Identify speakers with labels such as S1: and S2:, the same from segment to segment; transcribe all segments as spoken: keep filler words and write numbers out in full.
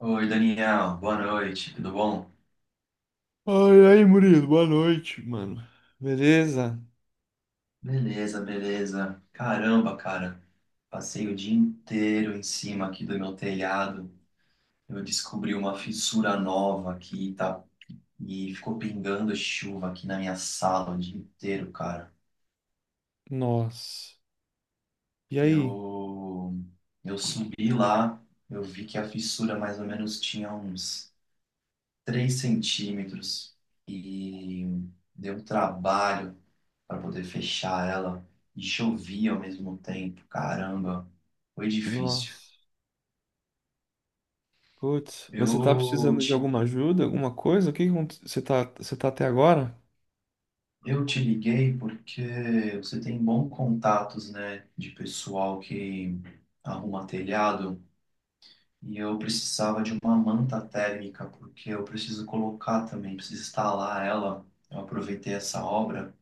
S1: Oi, Daniel, boa noite, tudo bom?
S2: Ai, ai, Murilo, boa noite, mano. Beleza?
S1: Beleza, beleza. Caramba, cara, passei o dia inteiro em cima aqui do meu telhado. Eu descobri uma fissura nova aqui, tá? E ficou pingando chuva aqui na minha sala o dia inteiro, cara.
S2: Nossa. E aí?
S1: Eu, eu subi lá, eu vi que a fissura mais ou menos tinha uns três centímetros e deu um trabalho para poder fechar ela e chovia ao mesmo tempo. Caramba, foi difícil.
S2: Nossa. Putz, você tá
S1: Eu
S2: precisando de
S1: te,
S2: alguma ajuda, alguma coisa? O que que aconte- Você tá, você tá até agora?
S1: eu te liguei porque você tem bons contatos, né, de pessoal que arruma telhado e eu precisava de uma manta térmica porque eu preciso colocar também, preciso instalar ela. Eu aproveitei essa obra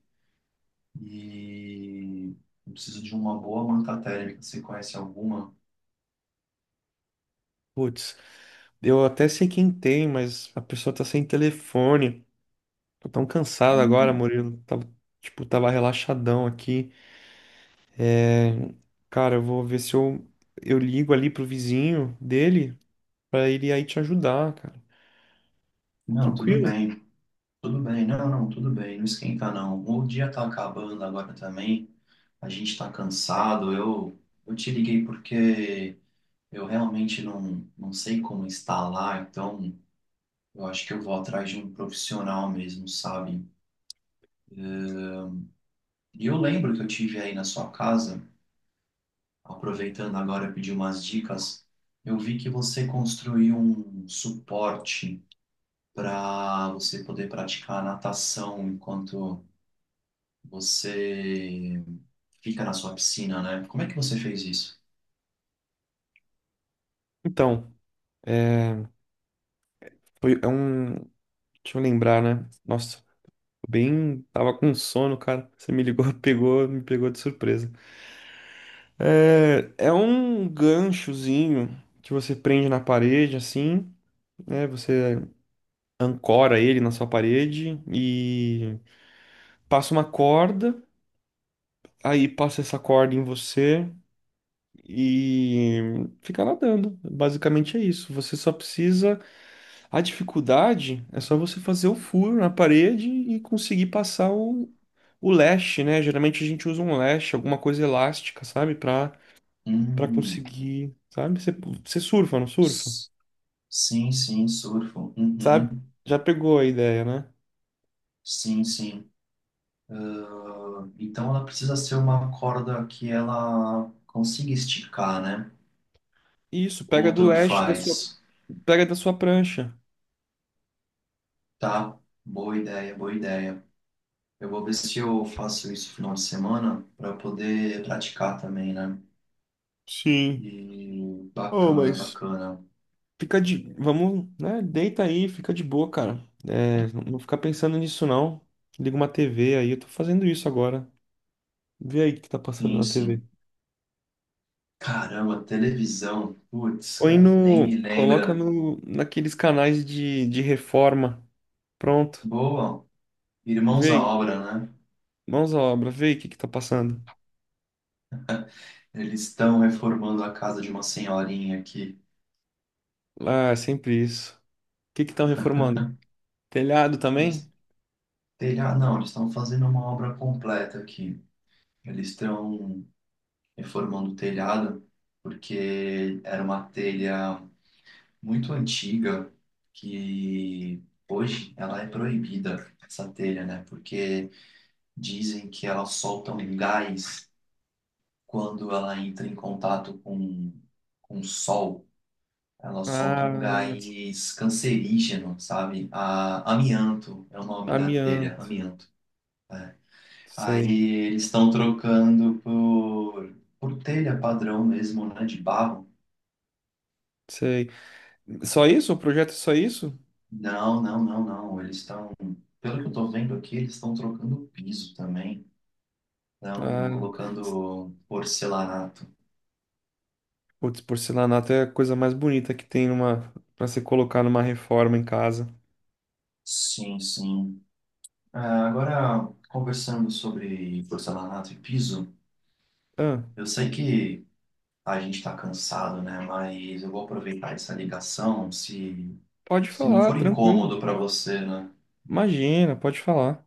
S1: e eu preciso de uma boa manta térmica. Você conhece alguma?
S2: Putz, eu até sei quem tem, mas a pessoa tá sem telefone. Tô tão cansado agora,
S1: Hum,
S2: Murilo. Tava, tipo, tava relaxadão aqui. É, Cara, eu vou ver se eu, eu ligo ali pro vizinho dele pra ele aí te ajudar, cara.
S1: não, tudo
S2: Tranquilo?
S1: bem, tudo bem. Não, não, tudo bem. Não esquenta, não. O dia tá acabando agora também. A gente tá cansado. Eu, eu te liguei porque eu realmente não, não sei como instalar, então eu acho que eu vou atrás de um profissional mesmo, sabe? E eu lembro que eu tive aí na sua casa, aproveitando agora pedir umas dicas, eu vi que você construiu um suporte para você poder praticar natação enquanto você fica na sua piscina, né? Como é que você fez isso?
S2: Então, é, foi, é um. Deixa eu lembrar, né? Nossa, tô bem. Tava com sono, cara. Você me ligou, pegou, me pegou de surpresa. É, é um ganchozinho que você prende na parede, assim, né? Você ancora ele na sua parede e passa uma corda, aí passa essa corda em você e fica nadando. Basicamente é isso. Você só precisa A dificuldade é só você fazer o furo na parede e conseguir passar o, o leste, né? Geralmente a gente usa um leste, alguma coisa elástica, sabe? Pra, pra
S1: Hum,
S2: conseguir, sabe? Você, você surfa, não surfa?
S1: s- sim, sim, surfo.
S2: Sabe?
S1: Uhum,
S2: Já pegou a ideia, né?
S1: sim, sim. Então ela precisa ser uma corda que ela consiga esticar, né?
S2: Isso, pega
S1: Ou
S2: do
S1: tanto
S2: leste da sua,
S1: faz.
S2: pega da sua prancha.
S1: Tá? Boa ideia, boa ideia. Eu vou ver se eu faço isso no final de semana para poder praticar também, né?
S2: Sim.
S1: E
S2: Oh,
S1: bacana,
S2: mas
S1: bacana.
S2: fica de, vamos, né? Deita aí, fica de boa, cara. É, não não fica pensando nisso, não. Liga uma T V aí, eu tô fazendo isso agora. Vê aí o que tá passando
S1: Sim,
S2: na T V.
S1: sim. Caramba, televisão. Putz,
S2: Põe
S1: cara, nem me
S2: no. Coloca
S1: lembra.
S2: no, naqueles canais de, de reforma. Pronto.
S1: Boa, Irmãos
S2: Vê
S1: à
S2: aí.
S1: Obra, né?
S2: Mãos à obra. Vê aí o que que tá passando.
S1: Eles estão reformando a casa de uma senhorinha aqui.
S2: Ah, é sempre isso. O que que estão reformando? Telhado também?
S1: Eles, telhado, não, eles estão fazendo uma obra completa aqui. Eles estão reformando o telhado porque era uma telha muito antiga que hoje ela é proibida, essa telha, né? Porque dizem que ela solta um gás quando ela entra em contato com, com o sol, ela solta um
S2: Ah,
S1: gás cancerígeno, sabe? A, amianto é o nome da telha,
S2: amianto.
S1: amianto. É. Aí
S2: Sei,
S1: eles estão trocando por, por telha padrão mesmo, né? De barro.
S2: sei. Só isso? O projeto é só isso?
S1: Não, não, não, não. Eles estão, pelo que eu tô vendo aqui, eles estão trocando o piso também. Estão
S2: Ah,
S1: colocando porcelanato.
S2: putz, porcelanato é a coisa mais bonita que tem numa, pra se colocar numa reforma em casa.
S1: Sim, sim. Ah, agora, conversando sobre porcelanato e piso,
S2: Ah,
S1: eu sei que a gente está cansado, né? Mas eu vou aproveitar essa ligação, se,
S2: pode
S1: se não
S2: falar,
S1: for
S2: tranquilo.
S1: incômodo para você, né?
S2: Imagina, pode falar.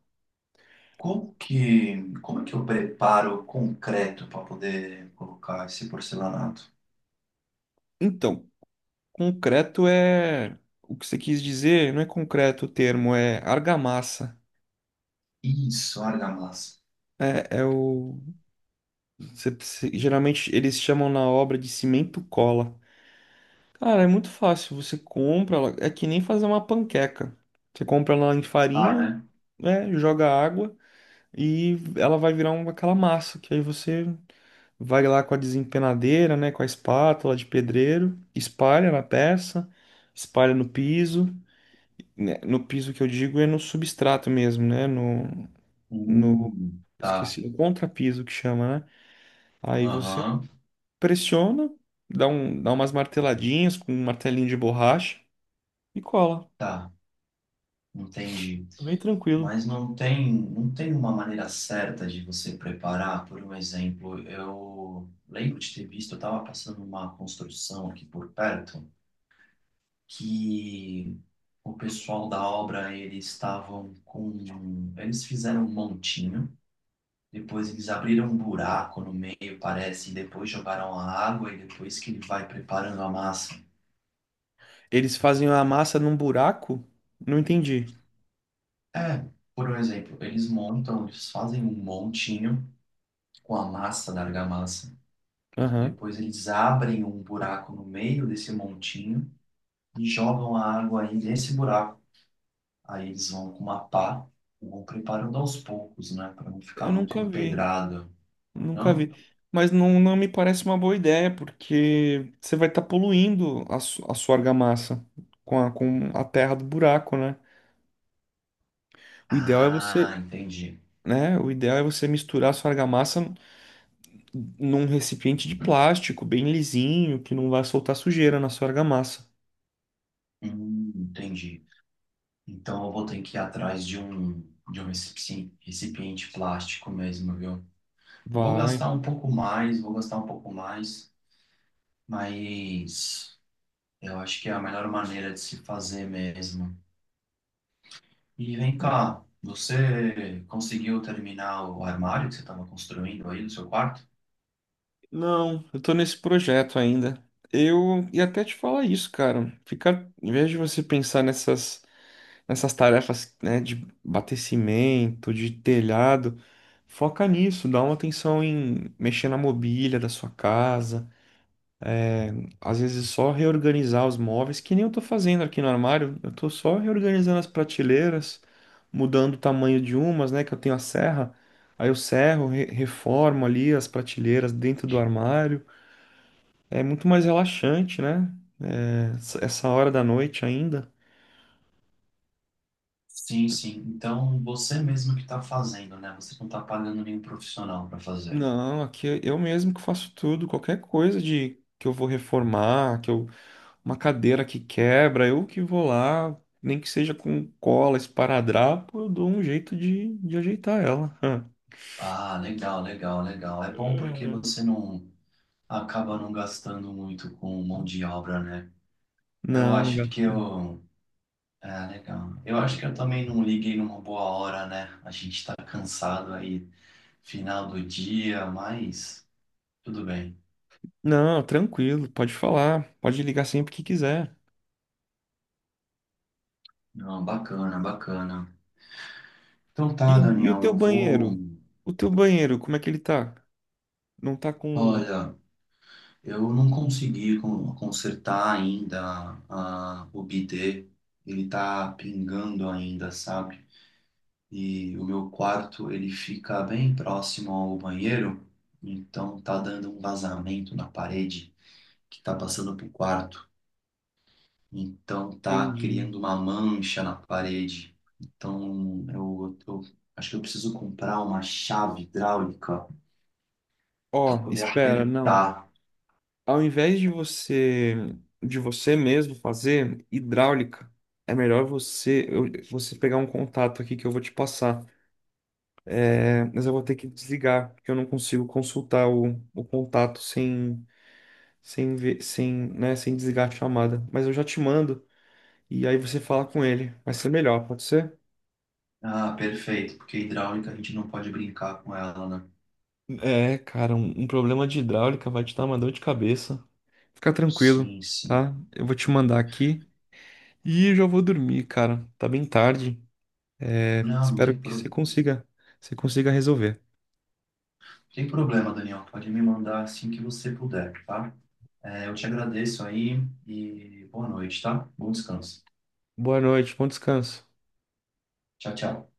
S1: Como que, como é que eu preparo concreto para poder colocar esse porcelanato?
S2: Então, Concreto é. O que você quis dizer não é concreto o termo, é argamassa.
S1: Isso, argamassa.
S2: É, é o. Você- você- geralmente eles chamam na obra de cimento cola. Cara, é muito fácil. Você compra ela. É que nem fazer uma panqueca. Você compra ela em
S1: Ah,
S2: farinha,
S1: né?
S2: né? Joga água e ela vai virar uma, aquela massa. Que aí você vai lá com a desempenadeira, né? Com a espátula de pedreiro, espalha na peça, espalha no piso. né, No piso que eu digo é no substrato mesmo, né? No, no,
S1: Hum, tá.
S2: esqueci, no contrapiso que chama, né? Aí você
S1: Aham,
S2: pressiona, dá um, dá umas marteladinhas com um martelinho de borracha e cola.
S1: tá. Entendi.
S2: É bem tranquilo.
S1: Mas não tem, não tem uma maneira certa de você preparar, por um exemplo, eu lembro de ter visto, eu estava passando uma construção aqui por perto, que o pessoal da obra, eles estavam com... Eles fizeram um montinho, depois eles abriram um buraco no meio, parece, e depois jogaram a água, e depois que ele vai preparando a massa.
S2: Eles fazem a massa num buraco? Não entendi.
S1: É, por um exemplo, eles montam, eles fazem um montinho com a massa da argamassa.
S2: Aham.
S1: Depois eles abrem um buraco no meio desse montinho e jogam a água aí nesse buraco. Aí eles vão com uma pá, vão preparando aos poucos, né? Para não ficar
S2: Eu
S1: muito
S2: nunca vi,
S1: empedrado,
S2: Nunca
S1: não?
S2: vi. Mas não, não me parece uma boa ideia, porque você vai estar poluindo a, su- a sua argamassa com a, com a terra do buraco, né? O ideal é
S1: Ah,
S2: você
S1: entendi.
S2: Né? O ideal é você misturar a sua argamassa num recipiente de plástico bem lisinho, que não vai soltar sujeira na sua argamassa.
S1: Hum, entendi. Então eu vou ter que ir atrás de um, de um recipiente, recipiente plástico mesmo, viu? Eu vou gastar
S2: Vai.
S1: um pouco mais, vou gastar um pouco mais, mas eu acho que é a melhor maneira de se fazer mesmo. E vem cá, você conseguiu terminar o armário que você estava construindo aí no seu quarto?
S2: Não, eu tô nesse projeto ainda. Eu ia até te falar isso, cara. Ficar, em vez de você pensar nessas, nessas tarefas, né, de batecimento, de telhado, foca nisso, dá uma atenção em mexer na mobília da sua casa. Às vezes só reorganizar os móveis, que nem eu tô fazendo aqui no armário. Eu tô só reorganizando as prateleiras, mudando o tamanho de umas, né? Que eu tenho a serra. Aí eu serro, re- reformo ali as prateleiras dentro do armário. É muito mais relaxante, né? É, essa essa hora da noite ainda.
S1: Sim, sim. Então, você mesmo que está fazendo, né? Você não está pagando nenhum profissional para fazer.
S2: Não, aqui eu eu mesmo que faço tudo, qualquer coisa de que eu vou reformar, que eu uma cadeira que quebra, eu que vou lá, nem que seja com cola, esparadrapo, eu dou um jeito de, de ajeitar ela.
S1: Ah, legal, legal, legal. É bom porque
S2: Aham.
S1: você não acaba não gastando muito com mão de obra, né? Eu
S2: Não, não
S1: acho que
S2: gasto.
S1: eu. É, legal. Eu acho que eu também não liguei numa boa hora, né? A gente está cansado aí, final do dia, mas tudo bem.
S2: Não, tranquilo, pode falar, pode ligar sempre que quiser.
S1: Não, bacana, bacana. Então
S2: E,
S1: tá,
S2: o- e o
S1: Daniel,
S2: teu
S1: eu vou.
S2: banheiro? O teu banheiro, como é que ele tá? Não tá com.
S1: Olha. Eu não consegui con- consertar ainda a- o bidê, ele tá pingando ainda, sabe? E o meu quarto, ele fica bem próximo ao banheiro, então tá dando um vazamento na parede que tá passando pro quarto. Então tá criando
S2: Entendi.
S1: uma mancha na parede. Então eu, eu acho que eu preciso comprar uma chave hidráulica para
S2: Ó,
S1: poder
S2: espera, não.
S1: apertar.
S2: ao invés de você de você mesmo fazer hidráulica, é melhor você eu- você pegar um contato aqui que eu vou te passar. É, mas eu vou ter que desligar, porque eu não consigo consultar o, o contato sem sem ver, sem, né, sem desligar a chamada. Mas eu já te mando e aí você fala com ele. Vai ser melhor, pode ser?
S1: Ah, perfeito, porque hidráulica a gente não pode brincar com ela, né?
S2: É, cara, um, um problema de hidráulica vai te dar uma dor de cabeça. Fica tranquilo,
S1: Sim, sim.
S2: tá? Eu vou te mandar aqui e eu já vou dormir, cara. Tá bem tarde. É,
S1: Não, não
S2: espero
S1: tem,
S2: que você
S1: pro...
S2: consiga, você consiga resolver.
S1: tem problema, Daniel. Pode me mandar assim que você puder, tá? É, eu te agradeço aí e boa noite, tá? Bom descanso.
S2: Boa noite, bom descanso.
S1: Tchau, tchau.